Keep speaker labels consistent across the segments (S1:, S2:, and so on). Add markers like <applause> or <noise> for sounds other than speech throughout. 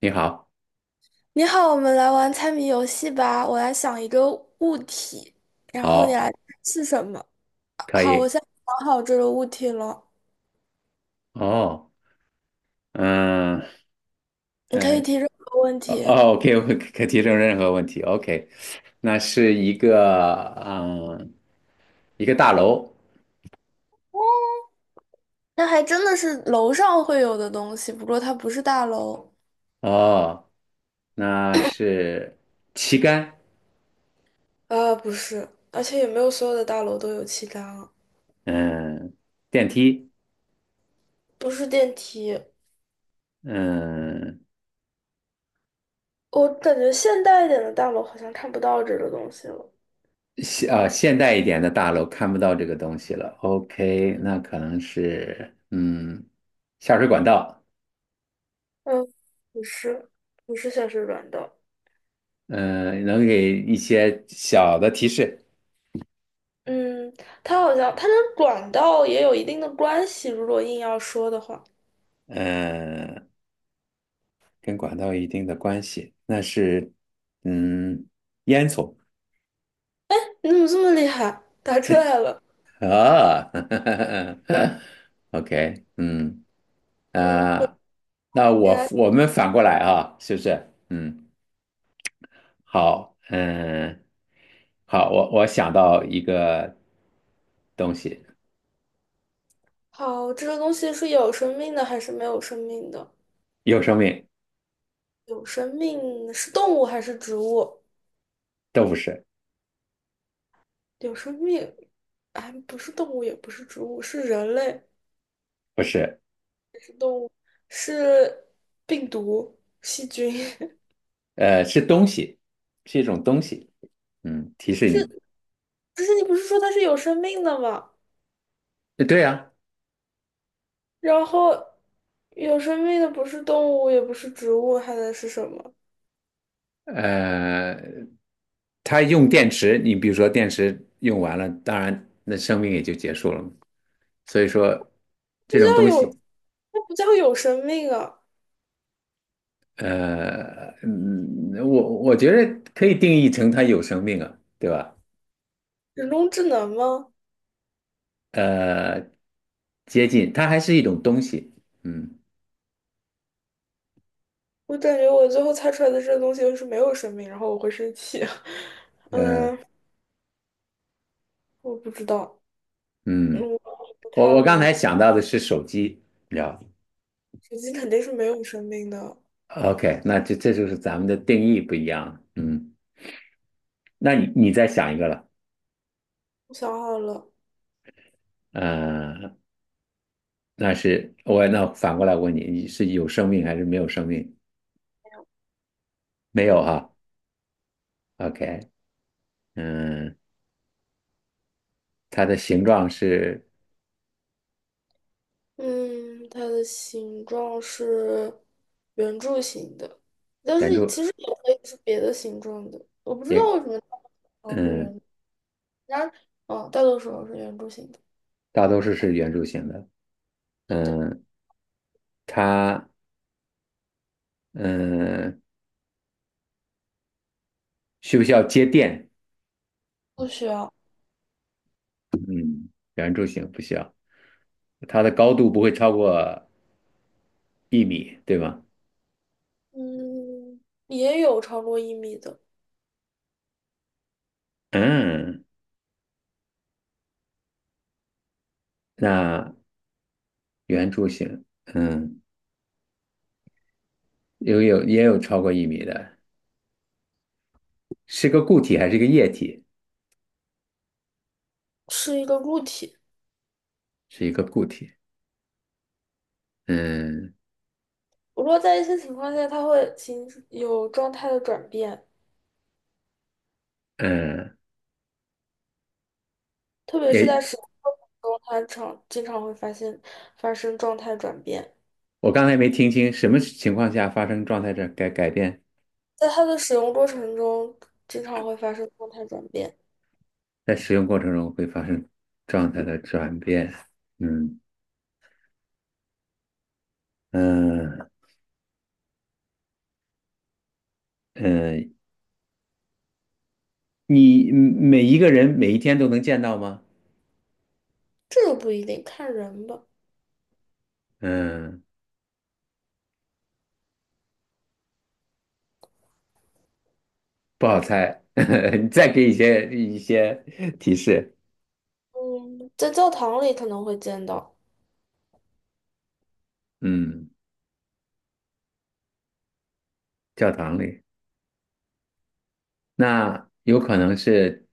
S1: 你好，
S2: 你好，我们来玩猜谜游戏吧。我来想一个物体，然后你
S1: 好，
S2: 来猜是什么。
S1: 可
S2: 好，我
S1: 以，
S2: 现在想好这个物体了，
S1: 哦，嗯，
S2: 你可
S1: 呃，
S2: 以提任何问
S1: 哦
S2: 题。
S1: 哦，OK，<laughs> 我可提出任何问题，OK，那是一个，嗯，一个大楼。
S2: 那还真的是楼上会有的东西，不过它不是大楼。
S1: 哦，那是旗杆。
S2: 啊，不是，而且也没有所有的大楼都有气缸啊
S1: 嗯，电梯。
S2: 不是电梯。
S1: 嗯，
S2: 我感觉现代一点的大楼好像看不到这个东西了。
S1: 现代一点的大楼看不到这个东西了，OK，那可能是，嗯，下水管道。
S2: 嗯，不是，不是显示软的。
S1: 嗯，能给一些小的提示。
S2: 嗯，它好像跟管道也有一定的关系，如果硬要说的话，
S1: 嗯，跟管道有一定的关系，那是嗯，烟囱
S2: 你怎么这么厉害？答出来了。
S1: 啊。 <laughs>，OK，嗯
S2: 嗯，对
S1: 啊，那
S2: 你
S1: 我
S2: 还
S1: 我们反过来啊，是不是？嗯，好，嗯，好，我想到一个东西。
S2: 好，这个东西是有生命的还是没有生命的？
S1: 有生命。
S2: 有生命是动物还是植物？
S1: 都不是。
S2: 有生命，哎，不是动物，也不是植物，是人类，
S1: 不是。
S2: 是病毒、细菌。<laughs>
S1: 呃，是东西，是一种东西。嗯，提示你，
S2: 不是你不是说它是有生命的吗？
S1: 呃对呀、
S2: 然后有生命的不是动物，也不是植物，还能是什么？
S1: 呃，它用电池，你比如说电池用完了，当然那生命也就结束了嘛。所以说
S2: 不
S1: 这
S2: 知
S1: 种东
S2: 道有，
S1: 西，
S2: 那不叫有生命啊，
S1: 呃，嗯，我觉得可以定义成它有生命啊，对吧？
S2: 人工智能吗？
S1: 呃，接近，它还是一种东西。嗯，
S2: 我感觉我最后猜出来的这个东西就是没有生命，然后我会生气。<laughs>
S1: 呃，
S2: 嗯，我不知道，嗯，
S1: 嗯，
S2: 我
S1: 我
S2: 太
S1: 我刚
S2: 模糊
S1: 才想到的是手机，你知道
S2: 手机肯定是没有生命的。
S1: OK 那这就是咱们的定义不一样了嗯，那你再想一个了。
S2: 我想好了，
S1: 呃那是我那反过来问你，你是有生命还是没有生命？没有哈，OK，嗯，它的形状是
S2: 嗯，它的形状是圆柱形的，但
S1: 圆
S2: 是
S1: 柱，
S2: 其实也可以是别的形状的。我不知道
S1: 也
S2: 为什么大多数是
S1: 嗯，
S2: 圆，然而，大多数是圆柱形的。
S1: 大多数是圆柱形的。
S2: 不的，
S1: 嗯，它嗯需不需要接电？
S2: 不需要。
S1: 嗯，圆柱形不需要。它的高度不会超过一米，对吗？
S2: 嗯，也有超过一米的，
S1: 嗯，那圆柱形，嗯，有也有超过一米的。是个固体还是一个液体？
S2: 是一个固体。
S1: 是一个固体。嗯
S2: 不过在一些情况下，它会形有状态的转变，
S1: 嗯，
S2: 特别是
S1: 也，
S2: 在使用过程中，它常经常会发现发生状态转变。
S1: 我刚才没听清，什么情况下发生状态的改变？
S2: 在它的使用过程中，经常会发生状态转变，
S1: 在使用过程中会发生状态的转变。嗯嗯嗯，你每一个人每一天都能见到吗？
S2: 这个不一定，看人吧。
S1: 嗯，不好猜。<laughs> 你再给一些提示。
S2: 嗯，在教堂里可能会见到，
S1: 嗯，教堂里，那有可能是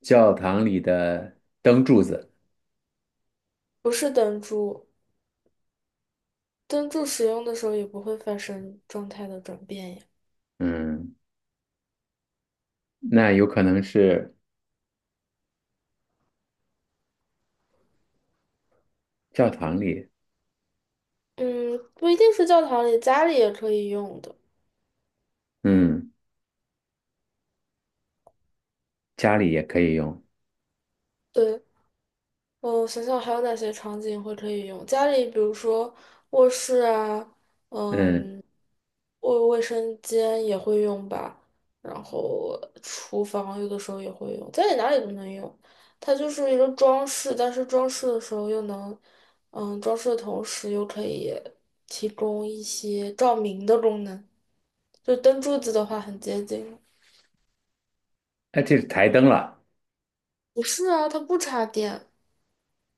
S1: 教堂里的灯柱子。
S2: 不是灯柱，灯柱使用的时候也不会发生状态的转变呀。
S1: 嗯，那有可能是教堂里。
S2: 嗯，不一定是教堂里，家里也可以用的。
S1: 嗯。家里也可以用。
S2: 对，嗯我想想还有哪些场景会可以用？家里，比如说卧室啊，
S1: 嗯，
S2: 嗯，卫卫生间也会用吧，然后厨房有的时候也会用，家里哪里都能用。它就是一个装饰，但是装饰的时候又能，装饰的同时又可以提供一些照明的功能，就灯柱子的话很接近。
S1: 那这是台灯了，
S2: 不是啊，它不插电，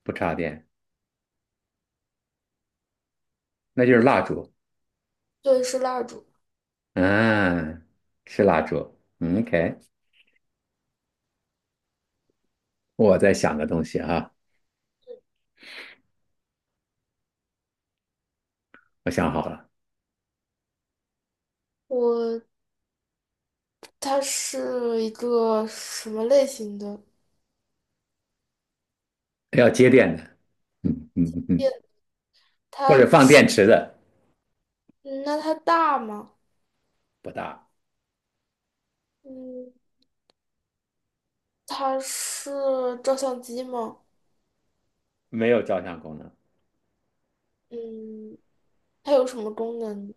S1: 不插电，那就是蜡烛。
S2: 对，是蜡烛。
S1: 嗯，是蜡烛。嗯， OK，我在想个东西啊，我想好了，
S2: 我它是一个什么类型的
S1: 要接电的，嗯嗯嗯嗯，
S2: 店？
S1: 或
S2: 它，
S1: 者放电池的，
S2: 嗯那它大吗？
S1: 不大，
S2: 嗯，它是照相机吗？
S1: 没有照相功能。
S2: 嗯，它有什么功能？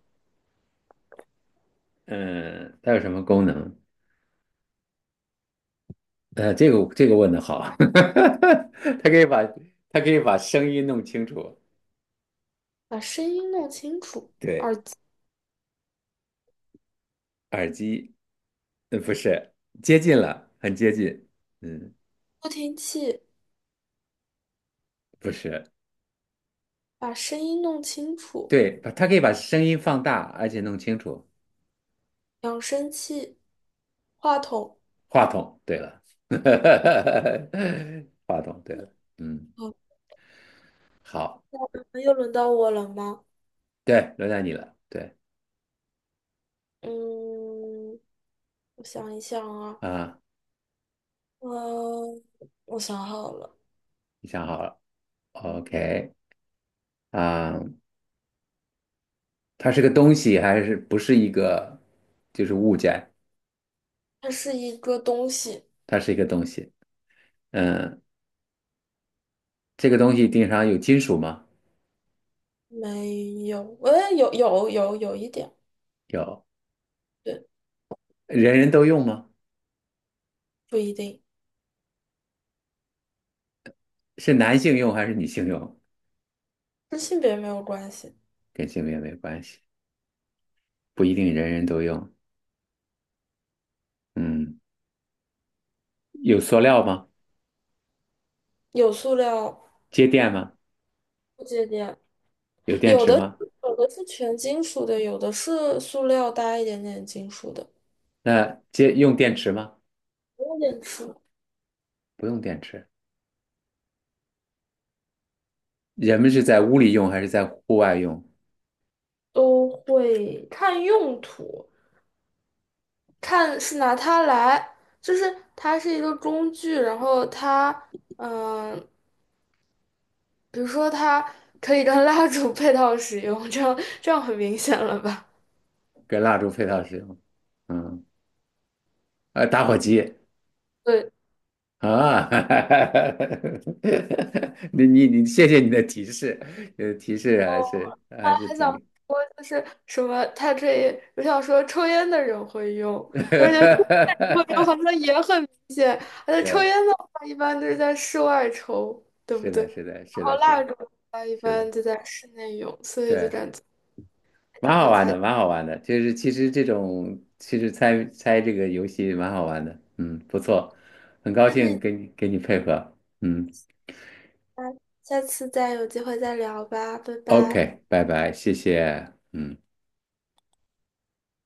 S1: 嗯，它有什么功能？呃，这个问的好。<laughs> 它可以把声音弄清楚。
S2: 把声音弄清楚，
S1: 对，耳机，呃，不是，接近了，很接近。嗯，
S2: 助听器，
S1: 不是。
S2: 把声音弄清楚，
S1: 对，把它可以把声音放大，而且弄清楚。
S2: 扬声器，话筒。
S1: 话筒，对了。<laughs> 话筒，对了，嗯，
S2: 好，
S1: 好，
S2: 那又轮到我了吗？
S1: 对，轮到你了，对
S2: 嗯，我想一想啊，
S1: 啊，
S2: 嗯，我想好了，
S1: 你想好了
S2: 嗯，
S1: ，OK 啊，它是个东西还是不是一个，就是物件？
S2: 它是一个东西。
S1: 它是一个东西。嗯，这个东西顶上有金属吗？
S2: 没有，有一点，
S1: 有，
S2: 对，
S1: 人人都用吗？
S2: 不一定，
S1: 是男性用还是女性用？
S2: 跟性别没有关系。
S1: 跟性别没关系，不一定人人都用。嗯，有塑料吗？
S2: 有塑料
S1: 接电吗？
S2: 不接电，
S1: 有电
S2: 有
S1: 池
S2: 的
S1: 吗？
S2: 有的是全金属的，有的是塑料搭一点点金属的，
S1: 那接用电池吗？
S2: 有点吃
S1: 不用电池。人们是在屋里用还是在户外用？
S2: 都会看用途，看是拿它来，就是它是一个工具，然后它，嗯、比如说它可以跟蜡烛 <laughs> 配套使用，这样很明显了吧？
S1: 跟蜡烛配套使用。嗯，呃，打火机
S2: 对。
S1: 啊。<laughs> 你，谢谢你的提示，呃，提示还是还是
S2: 还想
S1: 挺，
S2: 说就是什么，他这我想说抽烟的人会用，
S1: <laughs>
S2: 而且抽烟的人好像也很明显，而且抽
S1: 对，
S2: 烟的话一般都是在室外抽，对不
S1: 是
S2: 对？
S1: 的，是的，
S2: 然
S1: 是
S2: 后
S1: 的，是
S2: 蜡
S1: 的，
S2: 烛的话一
S1: 是
S2: 般
S1: 的，
S2: 就在室内用，所以就
S1: 对。
S2: 感觉还挺
S1: 蛮好
S2: 好
S1: 玩
S2: 猜
S1: 的，
S2: 的。
S1: 蛮好玩的，就是其实这种其实猜猜这个游戏蛮好玩的，嗯，不错，很高
S2: 那这
S1: 兴
S2: 你
S1: 跟你配合，嗯
S2: 下下次再有机会再聊吧，拜拜。
S1: ，OK，拜拜，谢谢，嗯。